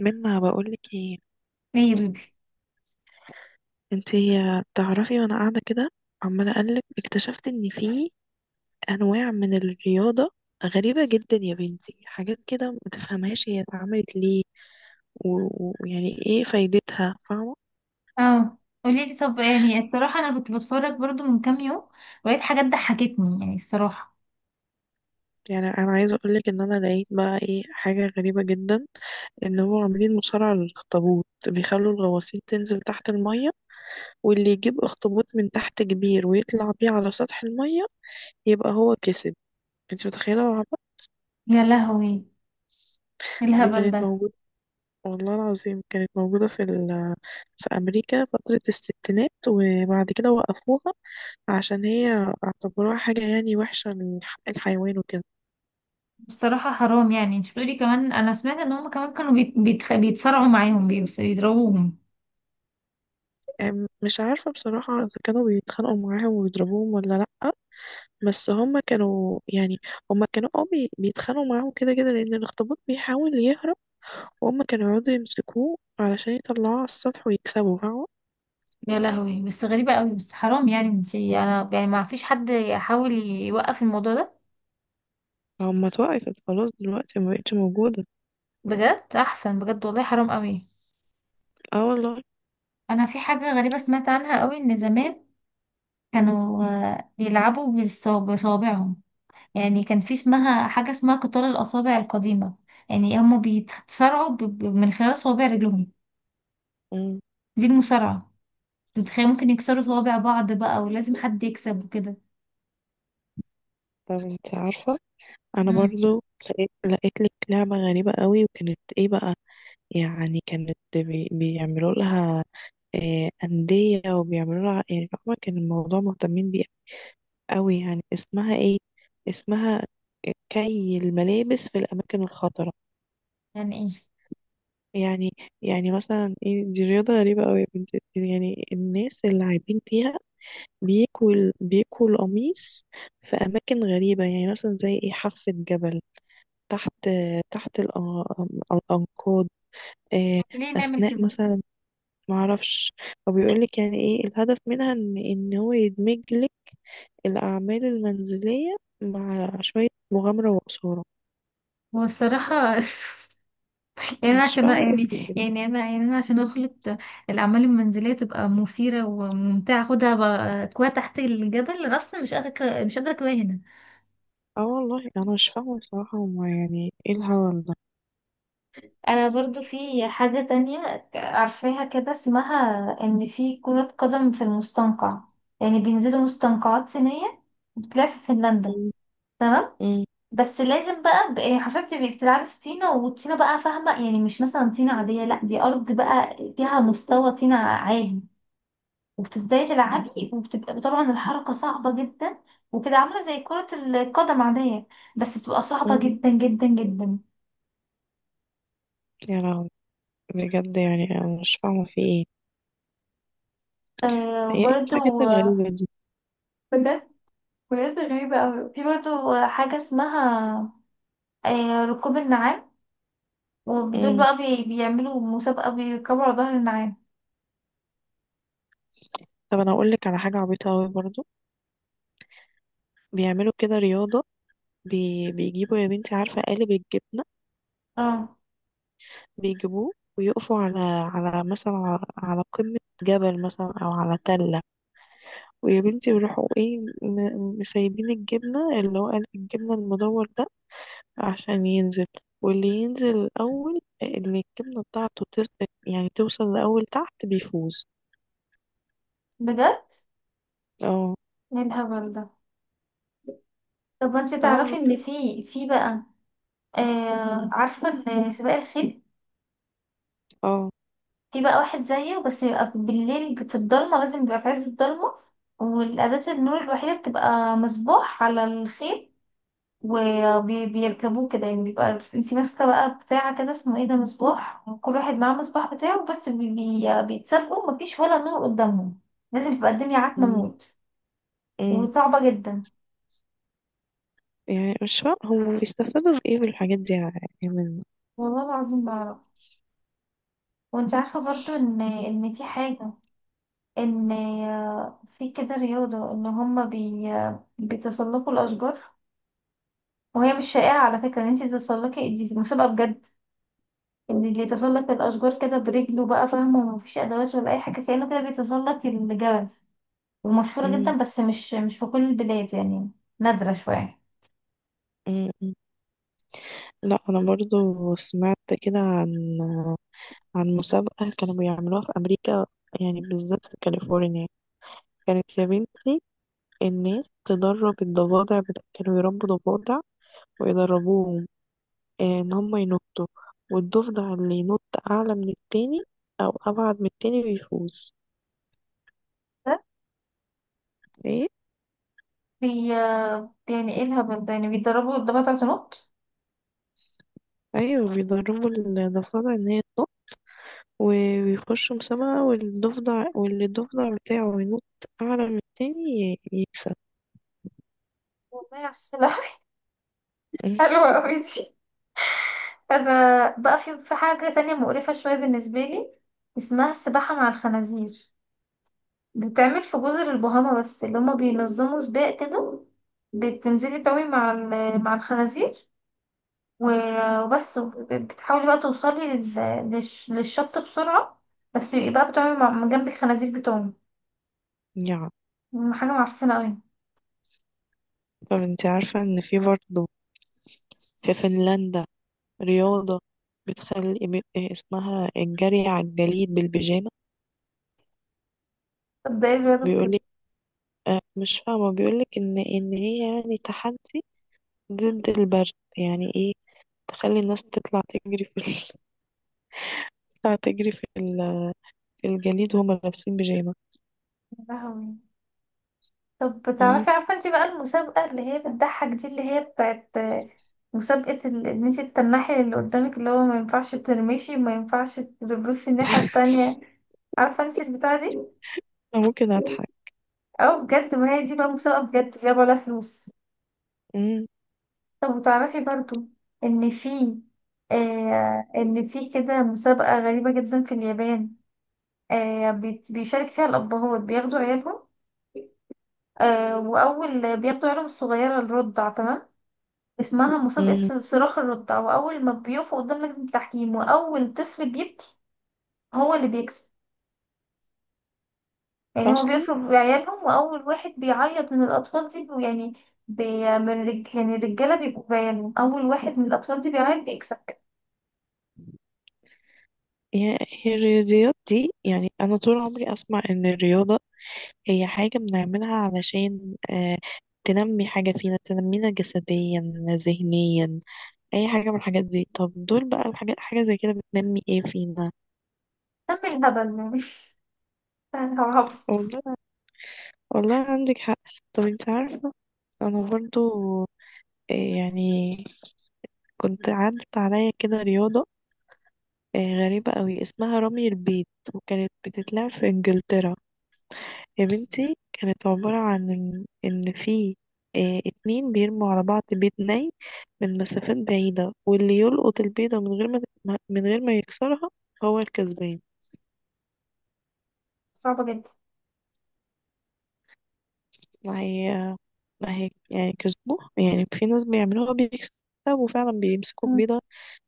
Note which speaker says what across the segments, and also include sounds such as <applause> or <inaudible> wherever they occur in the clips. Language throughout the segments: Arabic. Speaker 1: منا بقولك ايه؟
Speaker 2: ليه يا بيبي؟
Speaker 1: انتي تعرفي وانا قاعدة كده عمالة اقلب اكتشفت ان في انواع من الرياضة غريبة جدا يا بنتي، حاجات كده ما تفهمهاش هي اتعملت ليه و- و- ويعني ايه فايدتها، فاهمة؟
Speaker 2: اه. قولي لي. طب يعني الصراحه انا كنت بتفرج برضو من كام يوم، ولقيت حاجات ضحكتني يعني الصراحه.
Speaker 1: يعني انا عايزة اقولك ان انا لقيت بقى ايه، حاجة غريبة جدا، ان هو عاملين مصارعة للاخطبوط، بيخلوا الغواصين تنزل تحت المية واللي يجيب اخطبوط من تحت كبير ويطلع بيه على سطح المية يبقى هو كسب. انتي متخيلة العبط؟
Speaker 2: يا لهوي، إيه
Speaker 1: دي
Speaker 2: الهبل
Speaker 1: كانت
Speaker 2: ده!
Speaker 1: موجودة، والله العظيم كانت موجودة في أمريكا فترة الستينات وبعد كده وقفوها عشان هي اعتبروها حاجة يعني وحشة، لحق الحيوان وكده.
Speaker 2: بصراحه حرام يعني، انت بتقولي كمان، انا سمعت ان هم كمان كانوا بيتصارعوا معاهم، بيضربوهم.
Speaker 1: مش عارفة بصراحة إذا كانوا بيتخانقوا معاهم وبيضربوهم ولا لأ، بس هما كانوا يعني هما كانوا اه بي- بيتخانقوا معاهم كده كده لأن الأخطبوط بيحاول يهرب، وهما كانوا يقعدوا يمسكوه علشان يطلعوه على السطح ويكسبوا، فاهمة؟
Speaker 2: يا لهوي، بس غريبه قوي، بس حرام يعني، انت انا يعني ما فيش حد يحاول يوقف الموضوع ده؟
Speaker 1: هما اتوقفت خلاص، دلوقتي مبقتش موجودة.
Speaker 2: بجد احسن بجد والله، حرام قوي.
Speaker 1: اه والله.
Speaker 2: انا في حاجه غريبه سمعت عنها قوي، ان زمان كانوا بيلعبوا بصوابعهم. يعني كان في اسمها حاجة اسمها قتال الأصابع القديمة. يعني هم بيتصارعوا من خلال صوابع رجلهم.
Speaker 1: مم.
Speaker 2: دي المصارعة. أنت متخيل ممكن يكسروا صوابع بعض بقى، ولازم حد يكسب وكده.
Speaker 1: طب انت عارفة، انا
Speaker 2: امم
Speaker 1: برضو لقيت لك لعبة غريبة قوي، وكانت ايه بقى؟ يعني كانت بيعملوا لها أندية وبيعملوا لها، يعني فاهمة كان الموضوع مهتمين بيه قوي. يعني اسمها ايه؟ اسمها كي الملابس في الأماكن الخطرة.
Speaker 2: يعني ايه؟
Speaker 1: يعني يعني مثلا ايه، دي رياضة غريبة قوي يا بنتي، يعني الناس اللي عايبين فيها بيكوا القميص في أماكن غريبة يعني مثلا زي ايه، حافة جبل، تحت تحت الأن- الأنقاض، آه،
Speaker 2: طب ليه نعمل
Speaker 1: أثناء
Speaker 2: كده؟
Speaker 1: مثلا، معرفش. هو بيقولك يعني إيه الهدف منها، إن هو يدمج لك الأعمال المنزلية مع شوية مغامرة وإثارة.
Speaker 2: والصراحة <laughs> يعني أنا
Speaker 1: مش
Speaker 2: عشان
Speaker 1: فاهمة إيه في
Speaker 2: يعني
Speaker 1: كده.
Speaker 2: يعني أنا يعني أنا عشان أخلط الأعمال المنزلية تبقى مثيرة وممتعة، أكواع تحت الجبل؟ أنا أصلا مش قادرة أكواها.
Speaker 1: اه والله أنا مش فاهمة بصراحة، هما يعني إيه الهبل ده؟
Speaker 2: انا برضو في حاجة تانية عارفاها كده، اسمها ان في كرة قدم في المستنقع. يعني بينزلوا مستنقعات صينية، بتلعب في فنلندا.
Speaker 1: م-
Speaker 2: تمام،
Speaker 1: م-
Speaker 2: بس لازم بقى، يعني حرفيا بتبقي بتلعبي في طينة، وطينة بقى فاهمة، يعني مش مثلا طينة عادية، لا دي أرض بقى فيها مستوى طينة عالي. وبتبدأي تلعبي، وبتبقى طبعا الحركة صعبة جدا، وكده عاملة زي كرة القدم عادية، بس بتبقى صعبة
Speaker 1: م.
Speaker 2: جدا جدا جدا.
Speaker 1: يا لهوي، بجد يعني أنا مش فاهمة في إيه،
Speaker 2: آه
Speaker 1: هي إيه
Speaker 2: وبرده
Speaker 1: الحاجات الغريبة دي؟
Speaker 2: بجد غريبة أوي، في برضه حاجة اسمها ركوب النعام. ودول
Speaker 1: م.
Speaker 2: بقى بيعملوا مسابقة بيركبوا على ظهر النعام.
Speaker 1: طب أنا أقولك على حاجة عبيطة أوي برضو، بيعملوا كده رياضة، بيجيبوا يا بنتي، عارفة قالب الجبنة؟
Speaker 2: اه
Speaker 1: بيجيبوه ويقفوا على على مثلا على على قمة جبل مثلا أو على تلة، ويا بنتي بيروحوا ايه مسيبين الجبنة، اللي هو قالب الجبنة المدور ده، عشان ينزل. واللي ينزل الأول، اللي الجبنة بتاعته يعني توصل لأول تحت، بيفوز.
Speaker 2: بجد،
Speaker 1: اه
Speaker 2: ايه الهبل ده! طب ما انت
Speaker 1: اه
Speaker 2: تعرفي
Speaker 1: والله.
Speaker 2: ان في بقى عارفة سباق الخيل؟
Speaker 1: اه.
Speaker 2: في بقى واحد زيه، بس يبقى بالليل في الضلمة، لازم يبقى في عز الضلمة. والأداة النور الوحيدة بتبقى مصباح على الخيل، وبيركبوه كده. يعني بيبقى انتي ماسكة بقى بتاع كده اسمه ايه ده، مصباح، وكل واحد معاه مصباح بتاعه، بس بيتسابقوا، مفيش ولا نور قدامهم. لازم تبقى الدنيا عتمة
Speaker 1: م-
Speaker 2: موت،
Speaker 1: م.
Speaker 2: وصعبة جدا.
Speaker 1: يعني مش فاهم هم بيستفادوا بإيه بالحاجات دي يعني، من
Speaker 2: والله العظيم بعرف. وانت عارفة برضو ان في حاجة، ان في كده رياضة ان هما بيتسلقوا الأشجار. وهي مش شائعة على فكرة ان انتي تتسلقي، دي مسابقة بجد. ان اللي يتسلق الاشجار كده برجله بقى فاهمه، ومفيش ادوات ولا اي حاجه، كانه كده بيتسلق الجبل. ومشهوره
Speaker 1: م-
Speaker 2: جدا، بس مش في كل البلاد يعني، نادره شويه.
Speaker 1: م. لا انا برضو سمعت كده عن عن مسابقة كانوا بيعملوها في امريكا، يعني بالذات في كاليفورنيا. كانت يا بنتي الناس تدرب الضفادع كانوا يربوا ضفادع ويدربوهم، ان هم ينطوا، والضفدع اللي ينط اعلى من التاني او ابعد من التاني بيفوز.
Speaker 2: ده
Speaker 1: ايه؟
Speaker 2: بي يعني ايه الهبل ده؟ يعني بيتدربوا قدامها تلات نقط؟
Speaker 1: ايوه، بيدربوا الضفادع ان هي تنط و- ويخشوا مسابقة، والضفدع الضفدع بتاعه ينط اعلى من التاني يكسب.
Speaker 2: والله عسولة، <laughs> حلوة
Speaker 1: <laughs>
Speaker 2: أوي دي. أنا بقى في حاجة تانية مقرفة شوية بالنسبة لي، اسمها السباحة مع الخنازير. بتتعمل في جزر البهاما، بس اللي هما بينظموا سباق كده. بتنزلي تعومي مع الخنازير، وبس، بتحاولي بقى توصلي للشط بسرعة. بس يبقى بقى بتقعي جنب الخنازير بتوعهم.
Speaker 1: يا.
Speaker 2: حاجة معفنة أوي.
Speaker 1: طب انت عارفة ان في برضه في فنلندا رياضة بتخلي اسمها الجري على الجليد بالبيجامة.
Speaker 2: طب ده ايه الرياضة في كده؟
Speaker 1: بيقولك اه، مش فاهمة، بيقولك ان هي يعني تحدي ضد البرد. يعني ايه؟ تخلي الناس تطلع تجري في ال... <laughs> تطلع تجري في الجليد وهم لابسين بيجامة.
Speaker 2: يا لهوي. طب
Speaker 1: مم.
Speaker 2: بتعرفي؟ عارفة انتي بقى المسابقة اللي هي بتضحك دي، اللي هي بتاعت مسابقة ان انتي تتنحي اللي قدامك، اللي هو ما ينفعش ترمشي، ما ينفعش تبصي الناحية
Speaker 1: <laughs>
Speaker 2: التانية. عارفة انتي البتاعة دي؟
Speaker 1: انا ممكن اضحك.
Speaker 2: اه بجد، ما هي دي بقى مسابقة بجد بيلعبوا عليها فلوس.
Speaker 1: مم.
Speaker 2: طب تعرفي برضو ان في، ان في كده مسابقة غريبة جدا في اليابان. بيشارك فيها الابهات، بياخدوا عيالهم. آه واول بياخدوا عيالهم الصغيرة الرضع، تمام؟ اسمها مسابقة
Speaker 1: مم.
Speaker 2: صراخ الرضع. واول ما بيقفوا قدام لجنة التحكيم، واول طفل بيبكي هو اللي بيكسب. يعني هو
Speaker 1: اصلا
Speaker 2: بيفرض عيالهم، واول واحد بيعيط من الاطفال دي يعني بي يعني الرجالة بيبقوا بعيالهم، اول واحد من الاطفال دي بيعيط بيكسب.
Speaker 1: هي هي الرياضيات دي، يعني انا طول عمري اسمع ان الرياضة هي حاجة بنعملها علشان تنمي حاجة فينا، تنمينا جسديا، ذهنيا، أي حاجة من الحاجات دي. طب دول بقى الحاجات، حاجة زي كده بتنمي ايه فينا؟
Speaker 2: كمل الهبل يعني، هعرف.
Speaker 1: والله والله عندك حق. طب انت عارفة، أنا برضو آه، يعني كنت عدت عليا كده رياضة آه، غريبة قوي، اسمها رمي البيت، وكانت بتتلعب في إنجلترا. يا بنتي كانت عبارة عن إن في اتنين بيرموا على بعض بيض ني من مسافات بعيدة، واللي يلقط البيضة من غير من غير ما يكسرها هو الكسبان.
Speaker 2: صعبة جدا.
Speaker 1: ما هي، ما هي يعني كسبوه، يعني في ناس بيعملوها بيكسبوا فعلا، بيمسكوا
Speaker 2: مم.
Speaker 1: البيضة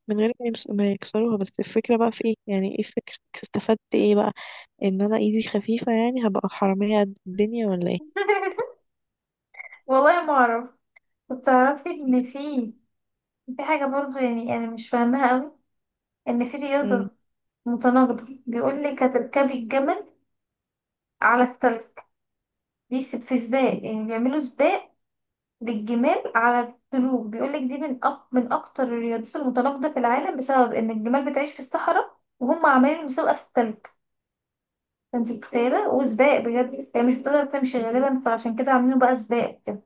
Speaker 1: من غير ما يكسروها. بس الفكرة بقى في ايه؟ يعني ايه الفكرة، استفدت ايه بقى؟ ان انا ايدي خفيفة، يعني هبقى حرامية قد الدنيا ولا ايه؟
Speaker 2: <laughs> والله ما اعرف. كنت تعرفي ان في حاجة برضه يعني انا مش فاهمها قوي، ان في
Speaker 1: مم.
Speaker 2: رياضة متناقضة. بيقول لك هتركبي الجمل على التلج. في سباق، يعني بيعملوا سباق للجمال على التلوج. بيقول لك دي من من اكتر الرياضات المتناقضة في العالم، بسبب ان الجمال بتعيش في الصحراء، وهم عاملين مسابقة في التلج. فانت متخيلة، وسباق بجد يعني، مش بتقدر تمشي غالبا، فعشان كده عاملينه بقى سباق كده.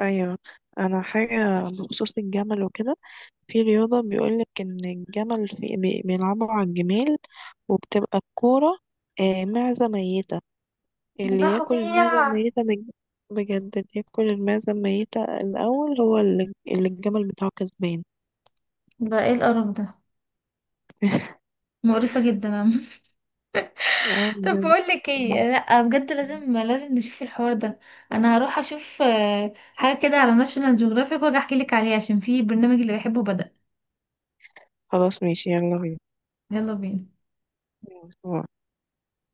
Speaker 1: ايوه، انا حاجة بخصوص الجمل وكده، في رياضة بيقولك إن الجمل في بيلعبوا على الجمال وبتبقى الكورة معزة ميتة. اللي ياكل المعزة
Speaker 2: يا،
Speaker 1: الميتة بجد، اللي ياكل المعزة الميتة الأول هو اللي الجمل بتاعه كسبان.
Speaker 2: ده ايه القرف ده!
Speaker 1: <laughs>
Speaker 2: مقرفة جدا يا عم. <laughs>
Speaker 1: اه
Speaker 2: طب
Speaker 1: بجد.
Speaker 2: بقول لك ايه،
Speaker 1: لا.
Speaker 2: لا بجد، لازم لازم نشوف الحوار ده. انا هروح اشوف حاجة كده على ناشونال جيوغرافيك، واجي احكي لك عليه، عشان في برنامج اللي بحبه بدأ.
Speaker 1: خلاص ماشي، يلا
Speaker 2: يلا بينا.
Speaker 1: بينا.